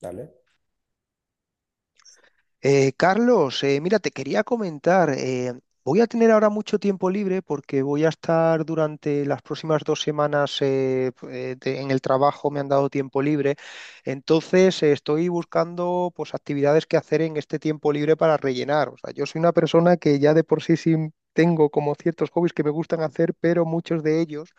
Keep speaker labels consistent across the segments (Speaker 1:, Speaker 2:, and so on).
Speaker 1: Dale.
Speaker 2: Carlos, mira, te quería comentar, voy a tener ahora mucho tiempo libre porque voy a estar durante las próximas 2 semanas en el trabajo, me han dado tiempo libre. Entonces, estoy buscando pues actividades que hacer en este tiempo libre para rellenar. O sea, yo soy una persona que ya de por sí, sí tengo como ciertos hobbies que me gustan hacer, pero muchos de ellos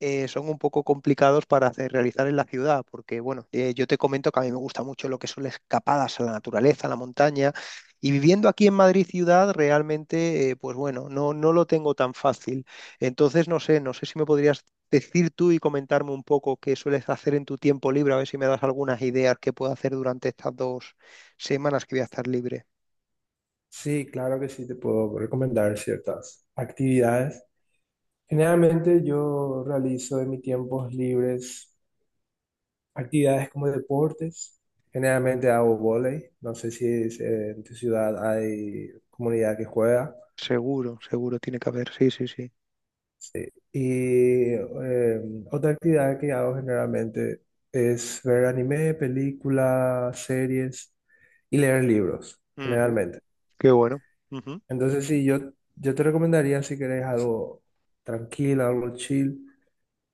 Speaker 2: son un poco complicados para hacer, realizar en la ciudad, porque bueno, yo te comento que a mí me gusta mucho lo que son las escapadas a la naturaleza, a la montaña, y viviendo aquí en Madrid ciudad, realmente, pues bueno, no, no lo tengo tan fácil. Entonces, no sé si me podrías decir tú y comentarme un poco qué sueles hacer en tu tiempo libre, a ver si me das algunas ideas que puedo hacer durante estas 2 semanas que voy a estar libre.
Speaker 1: Sí, claro que sí, te puedo recomendar ciertas actividades. Generalmente yo realizo en mis tiempos libres actividades como deportes. Generalmente hago vóley. No sé si es- En tu ciudad hay comunidad que juega.
Speaker 2: Seguro, seguro, tiene que haber, sí, sí, sí.
Speaker 1: Y eh, Otra actividad que hago generalmente es ver anime, películas, series y leer libros,
Speaker 2: Ujú.
Speaker 1: generalmente.
Speaker 2: Qué bueno.
Speaker 1: Entonces, sí, yo te recomendaría, si querés algo tranquilo, algo chill,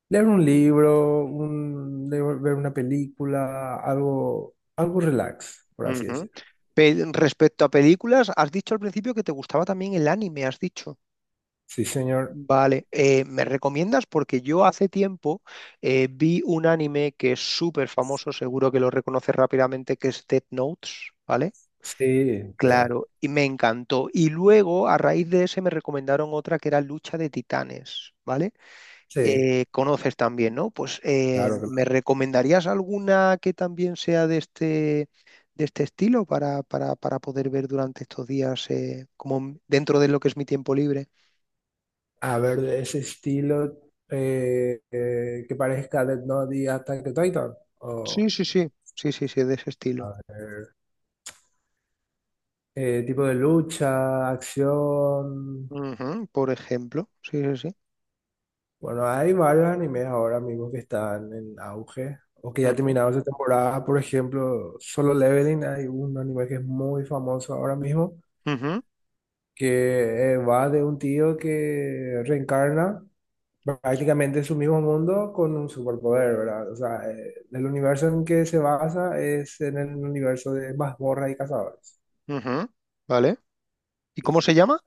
Speaker 1: leer un libro, ver una película, algo, algo relax, por así
Speaker 2: Ujú.
Speaker 1: decirlo.
Speaker 2: Respecto a películas, has dicho al principio que te gustaba también el anime, has dicho.
Speaker 1: Sí, señor.
Speaker 2: Vale, ¿me recomiendas? Porque yo hace tiempo vi un anime que es súper famoso, seguro que lo reconoces rápidamente, que es Death Notes, ¿vale?
Speaker 1: Sí, re-
Speaker 2: Claro, y me encantó. Y luego, a raíz de ese, me recomendaron otra que era Lucha de Titanes, ¿vale?
Speaker 1: sí,
Speaker 2: Conoces también, ¿no? Pues
Speaker 1: claro.
Speaker 2: ¿me
Speaker 1: Claro.
Speaker 2: recomendarías alguna que también sea de este estilo para, para poder ver durante estos días, como dentro de lo que es mi tiempo libre?
Speaker 1: A ver, de ese estilo, que parezca Death Note y Attack on Titan.
Speaker 2: Sí,
Speaker 1: O,
Speaker 2: sí, sí, sí, sí, sí, de ese estilo.
Speaker 1: a ver, tipo de lucha, acción.
Speaker 2: Ujú, por ejemplo, sí, sí, sí.
Speaker 1: Bueno, hay varios animes ahora mismo que están en auge o que ya
Speaker 2: Ujú,
Speaker 1: terminaron esa temporada. Por ejemplo, Solo Leveling, hay un anime que es muy famoso ahora mismo,
Speaker 2: ujú,
Speaker 1: que va de un tío que reencarna prácticamente en su mismo mundo con un superpoder, ¿verdad? O sea, el universo en que se basa es en el universo de mazmorras y cazadores.
Speaker 2: ujú. ¿Vale? ¿Y
Speaker 1: Sí.
Speaker 2: cómo se llama?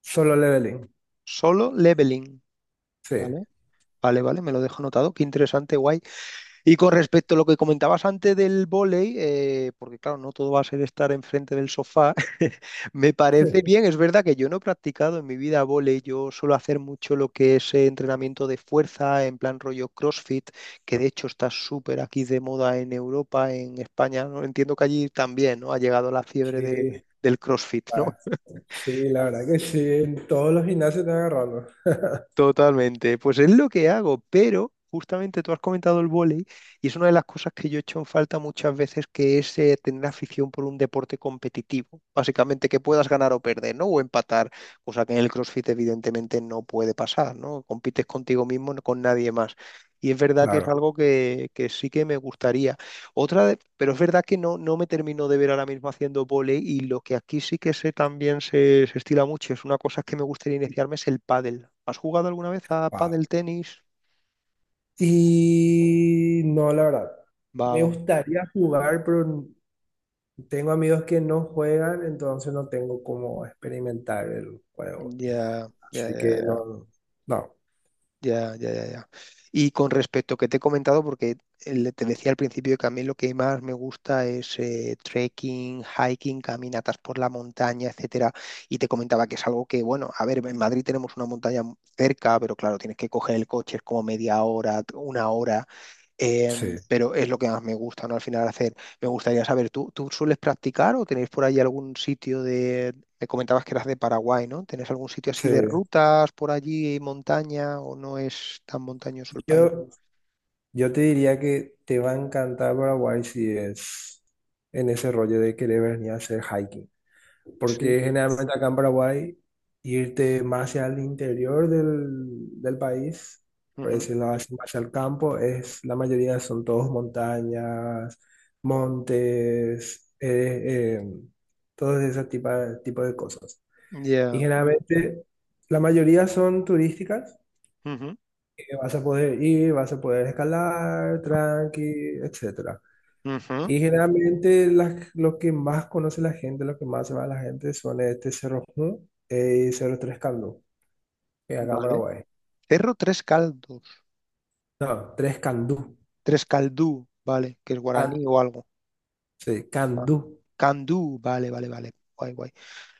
Speaker 1: Solo Leveling,
Speaker 2: Solo Leveling.
Speaker 1: sí.
Speaker 2: ¿Vale? Vale, vale, me lo dejo anotado. Qué interesante, guay. Y con respecto a lo que comentabas antes del vóley, porque claro, no todo va a ser estar enfrente del sofá, me parece bien, es verdad que yo no he practicado en mi vida vóley, yo suelo hacer mucho lo que es entrenamiento de fuerza en plan rollo CrossFit, que de hecho está súper aquí de moda en Europa, en España, ¿no? Entiendo que allí también, ¿no? Ha llegado la fiebre
Speaker 1: Sí,
Speaker 2: del CrossFit, ¿no?
Speaker 1: ah, sí, la verdad que sí, en todos los gimnasios están agarrando.
Speaker 2: Totalmente, pues es lo que hago, pero justamente tú has comentado el vóley y es una de las cosas que yo he hecho en falta muchas veces, que es tener afición por un deporte competitivo, básicamente que puedas ganar o perder, ¿no? O empatar, cosa que en el CrossFit evidentemente no puede pasar, ¿no? Compites contigo mismo, no con nadie más. Y es verdad que es
Speaker 1: Claro.
Speaker 2: algo que sí que me gustaría. Pero es verdad que no me termino de ver ahora mismo haciendo vóley, y lo que aquí sí que sé también se estila mucho, es una cosa que me gustaría iniciarme, es el pádel. ¿Has jugado alguna vez a
Speaker 1: Ah.
Speaker 2: pádel tenis?
Speaker 1: Y no, la verdad.
Speaker 2: Va,
Speaker 1: Me
Speaker 2: va, va.
Speaker 1: gustaría jugar, pero tengo amigos que no juegan, entonces no tengo cómo experimentar el juego.
Speaker 2: Ya, ya,
Speaker 1: Así que
Speaker 2: ya,
Speaker 1: no, no,
Speaker 2: ya, ya, ya, ya. Ya. Y con respecto que te he comentado, porque te decía al principio que a mí lo que más me gusta es trekking, hiking, caminatas por la montaña, etcétera. Y te comentaba que es algo que, bueno, a ver, en Madrid tenemos una montaña cerca, pero claro, tienes que coger el coche, es como media hora, una hora.
Speaker 1: sí,
Speaker 2: Pero es lo que más me gusta, ¿no? Al final hacer. Me gustaría saber, ¿tú sueles practicar o tenéis por ahí algún sitio de...? Me comentabas que eras de Paraguay, ¿no? ¿Tenés algún sitio así
Speaker 1: sí.
Speaker 2: de rutas por allí, montaña, o no es tan montañoso el país?
Speaker 1: Yo, yo te diría que te va a encantar Paraguay si es en ese rollo de querer venir a hacer hiking.
Speaker 2: Sí.
Speaker 1: Porque generalmente acá en Paraguay, irte más hacia el interior del país, por
Speaker 2: Ujú.
Speaker 1: decirlo así, más hacia el campo, es, la mayoría son todos montañas, montes, todos ese tipo, tipo de cosas. Y
Speaker 2: Ya.
Speaker 1: generalmente la mayoría son turísticas,
Speaker 2: Ujú.
Speaker 1: que vas a poder ir, vas a poder escalar, tranqui, etcétera,
Speaker 2: Ujú.
Speaker 1: y generalmente lo que más conoce la gente, lo que más se va la gente son este Cerro Ju y Cerro Tres Candú, que es acá en
Speaker 2: Vale.
Speaker 1: Paraguay.
Speaker 2: Cerro Tres Caldos.
Speaker 1: No, Tres Candú.
Speaker 2: Tres Caldú, vale, que es
Speaker 1: Ah,
Speaker 2: guaraní o algo.
Speaker 1: sí, Candú.
Speaker 2: Candú, vale, vale, vale. Guay, guay.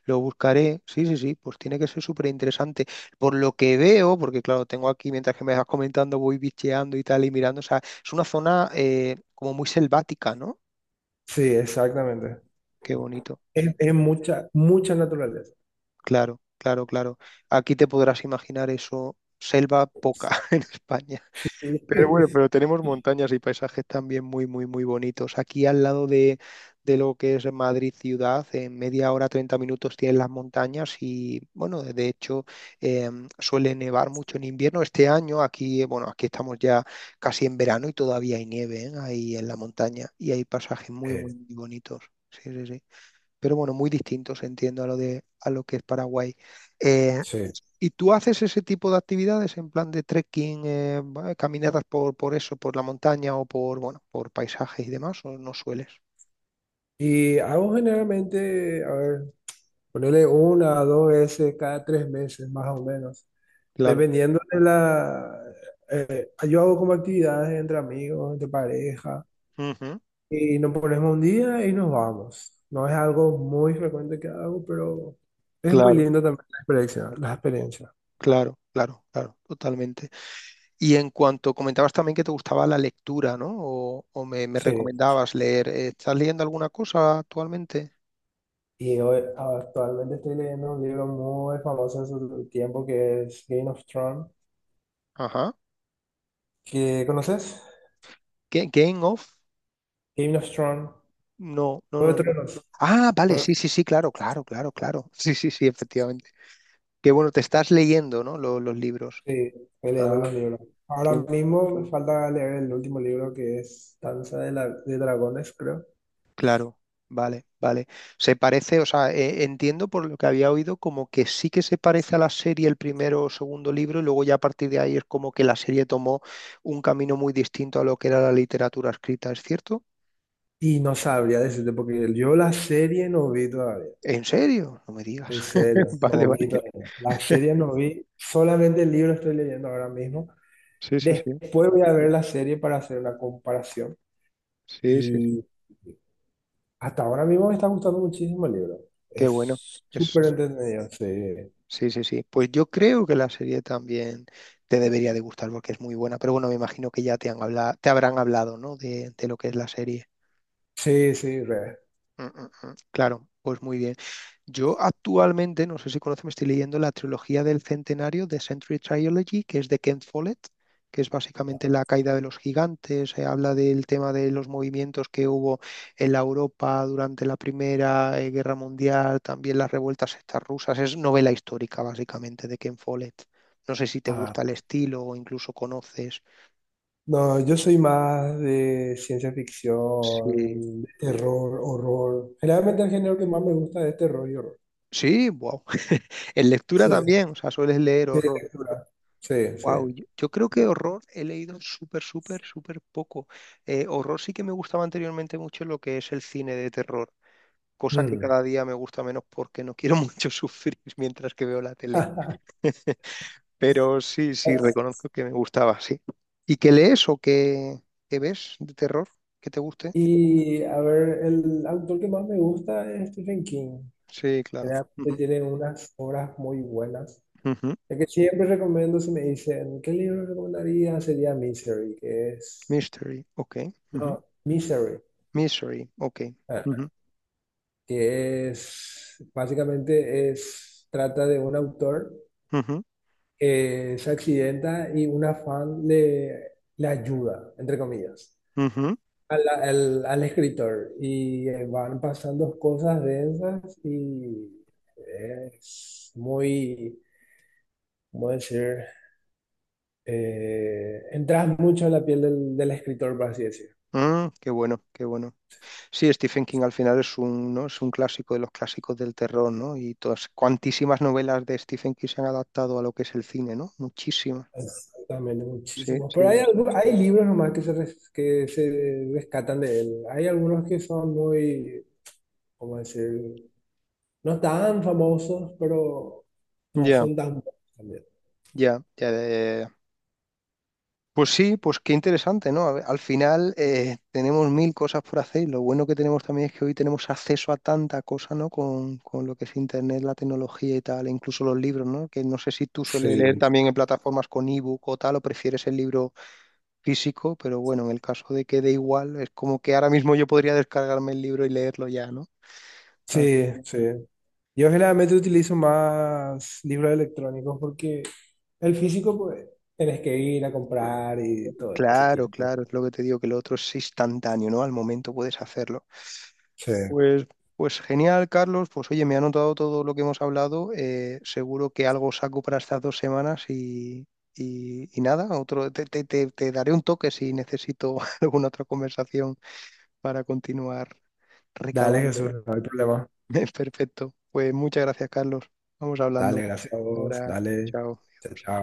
Speaker 2: Lo buscaré, sí, sí, sí, pues tiene que ser súper interesante. Por lo que veo, porque claro, tengo aquí, mientras que me vas comentando, voy bicheando y tal y mirando, o sea, es una zona, como muy selvática, ¿no?
Speaker 1: Sí, exactamente.
Speaker 2: Qué bonito, sí,
Speaker 1: Es mucha, mucha naturaleza.
Speaker 2: claro, claro, claro. Aquí te podrás imaginar eso, selva poca en España.
Speaker 1: Sí.
Speaker 2: Pero bueno, pero tenemos montañas y paisajes también muy, muy, muy bonitos. Aquí al lado de lo que es Madrid ciudad, en media hora, 30 minutos tienes las montañas. Y bueno, de hecho, eh, suele nevar mucho en invierno. Este año aquí, bueno, aquí estamos ya casi en verano y todavía hay nieve, ¿eh? Ahí en la montaña y hay pasajes muy, muy,
Speaker 1: Eh,
Speaker 2: muy bonitos. Sí, sí, sí. Pero bueno, muy distintos, entiendo, a lo que es Paraguay. Eh,
Speaker 1: sí.
Speaker 2: ¿Y tú haces ese tipo de actividades en plan de trekking, va, caminatas por eso, por la montaña o por, bueno, por paisajes y demás? ¿O no sueles?
Speaker 1: Y hago generalmente, a ver, ponerle una a dos veces cada tres meses, más o menos.
Speaker 2: Claro.
Speaker 1: Dependiendo de la... yo hago como actividades entre amigos, entre pareja.
Speaker 2: Ujú.
Speaker 1: Y nos ponemos un día y nos vamos. No es algo muy frecuente que hago, pero es muy
Speaker 2: Claro,
Speaker 1: lindo también la experiencia, las experiencias.
Speaker 2: claro, claro, claro, totalmente. Y en cuanto comentabas también que te gustaba la lectura, ¿no? O me
Speaker 1: Sí.
Speaker 2: recomendabas leer. ¿Estás leyendo alguna cosa actualmente?
Speaker 1: Y hoy actualmente estoy leyendo un libro muy famoso en su tiempo que es Game of Thrones.
Speaker 2: Ajá.
Speaker 1: ¿Que conoces?
Speaker 2: ¿Game of?
Speaker 1: Game of Thrones.
Speaker 2: No, no,
Speaker 1: Juego
Speaker 2: no,
Speaker 1: de
Speaker 2: no.
Speaker 1: Tronos.
Speaker 2: Ah, vale,
Speaker 1: Jue-
Speaker 2: sí, sí, sí, claro, claro, claro, claro. Sí, sí, sí, efectivamente. Que bueno, te estás leyendo, ¿no? Los libros.
Speaker 1: Sí, estoy leyendo
Speaker 2: Ah.
Speaker 1: los libros.
Speaker 2: Qué
Speaker 1: Ahora
Speaker 2: bu-
Speaker 1: mismo me falta leer el último libro que es Danza de, de Dragones, creo.
Speaker 2: claro, vale, vale. Se parece, o sea, entiendo por lo que había oído como que sí que se parece a la serie el primero o segundo libro y luego ya a partir de ahí es como que la serie tomó un camino muy distinto a lo que era la literatura escrita, ¿es cierto?
Speaker 1: Y no sabría decirte porque yo la serie no vi todavía.
Speaker 2: ¿En serio? No me digas.
Speaker 1: En serio,
Speaker 2: Vale,
Speaker 1: no
Speaker 2: vale.
Speaker 1: vi todavía. La serie no vi, solamente el libro estoy leyendo ahora mismo.
Speaker 2: Sí, sí, sí.
Speaker 1: Después voy a ver la serie para hacer una comparación.
Speaker 2: Sí, sí, sí.
Speaker 1: Y hasta ahora mismo me está gustando muchísimo el libro.
Speaker 2: Qué bueno.
Speaker 1: Es
Speaker 2: Es...
Speaker 1: súper entretenido, sí.
Speaker 2: Sí, sí, sí. Pues yo creo que la serie también te debería de gustar porque es muy buena, pero bueno, me imagino que ya te habrán hablado, ¿no? De lo que es la serie.
Speaker 1: Sí, sí, re.
Speaker 2: Mm, mm, mm. Claro, pues muy bien. Yo actualmente, no sé si conoces, me estoy leyendo la trilogía del centenario, the Century Trilogy, que es de Ken Follett, que es básicamente la caída de los gigantes. Se habla del tema de los movimientos que hubo en la Europa durante la Primera Guerra Mundial, también las revueltas estas rusas. Es novela histórica, básicamente, de Ken Follett. No sé si te
Speaker 1: Ah,
Speaker 2: gusta el estilo o incluso conoces.
Speaker 1: no, yo soy más de ciencia
Speaker 2: Sí.
Speaker 1: ficción, de terror, horror. Generalmente el género que más me gusta es terror y horror.
Speaker 2: Sí, wow. En lectura
Speaker 1: Sí,
Speaker 2: también, o sea, sueles leer
Speaker 1: sí,
Speaker 2: horror.
Speaker 1: lectura. Sí, sí.
Speaker 2: Wow, yo creo que horror he leído súper, súper, súper poco. Horror sí que me gustaba anteriormente mucho lo que es el cine de terror, cosa que
Speaker 1: Mm.
Speaker 2: cada día me gusta menos porque no quiero mucho sufrir mientras que veo la tele. Pero sí, sí, reconozco que me gustaba, sí. ¿Y qué lees o qué ves de terror que te guste?
Speaker 1: Y a ver, el autor que más me gusta es Stephen King.
Speaker 2: Sí, claro.
Speaker 1: Realmente
Speaker 2: Ujú,
Speaker 1: tiene unas obras muy buenas.
Speaker 2: ujú.
Speaker 1: El que siempre recomiendo, si me dicen, ¿qué libro recomendaría? Sería Misery, que es...
Speaker 2: Mystery, ok. Ujú.
Speaker 1: No, Misery,
Speaker 2: Mystery, ok.
Speaker 1: ah,
Speaker 2: Ujú,
Speaker 1: que es... Básicamente es, trata de un autor
Speaker 2: ujú,
Speaker 1: que se accidenta y una fan le ayuda, entre comillas. Al escritor y van pasando cosas densas y es muy, ¿cómo decir? Entras mucho en la piel del escritor, por así decirlo.
Speaker 2: ujú. Mm, qué bueno, qué bueno. Sí, Stephen King al final es un, ¿no? es un clásico de los clásicos del terror, ¿no? Y todas, cuantísimas novelas de Stephen King se han adaptado a lo que es el cine, ¿no? Muchísimas.
Speaker 1: Exactamente,
Speaker 2: Sí,
Speaker 1: muchísimos.
Speaker 2: sí,
Speaker 1: Pero hay,
Speaker 2: sí. Sí.
Speaker 1: hay libros nomás que que se rescatan de él. Hay algunos que son muy, ¿cómo decir? No tan famosos, pero no
Speaker 2: Ya,
Speaker 1: son tan buenos también.
Speaker 2: ya, ya, ya, ya, ya. Pues sí, pues qué interesante, ¿no? A ver, al final tenemos mil cosas por hacer y lo bueno que tenemos también es que hoy tenemos acceso a tanta cosa, ¿no? Con lo que es Internet, la tecnología y tal, e incluso los libros, ¿no? Que no sé si tú sueles leer
Speaker 1: Sí,
Speaker 2: también en plataformas con ebook o tal, o prefieres el libro físico, pero bueno, en el caso de que dé igual, es como que ahora mismo yo podría descargarme el libro y leerlo ya, ¿no?
Speaker 1: sí,
Speaker 2: Así que,
Speaker 1: sí. Yo generalmente utilizo más libros electrónicos porque el físico, pues, tenés que ir a comprar y todo ese
Speaker 2: claro,
Speaker 1: tiempo.
Speaker 2: claro, es lo que te digo, que lo otro es instantáneo, ¿no? Al momento puedes hacerlo.
Speaker 1: Sí.
Speaker 2: Pues, pues genial, Carlos. Pues oye, me ha anotado todo lo que hemos hablado. Seguro que algo saco para estas 2 semanas y nada, otro, te daré un toque si necesito alguna otra conversación para continuar
Speaker 1: Dale,
Speaker 2: recabando.
Speaker 1: Jesús, no hay problema.
Speaker 2: Perfecto. Pues muchas gracias, Carlos. Vamos
Speaker 1: Dale,
Speaker 2: hablando.
Speaker 1: gracias a vos.
Speaker 2: Ahora,
Speaker 1: Dale.
Speaker 2: chao.
Speaker 1: Chao, chao.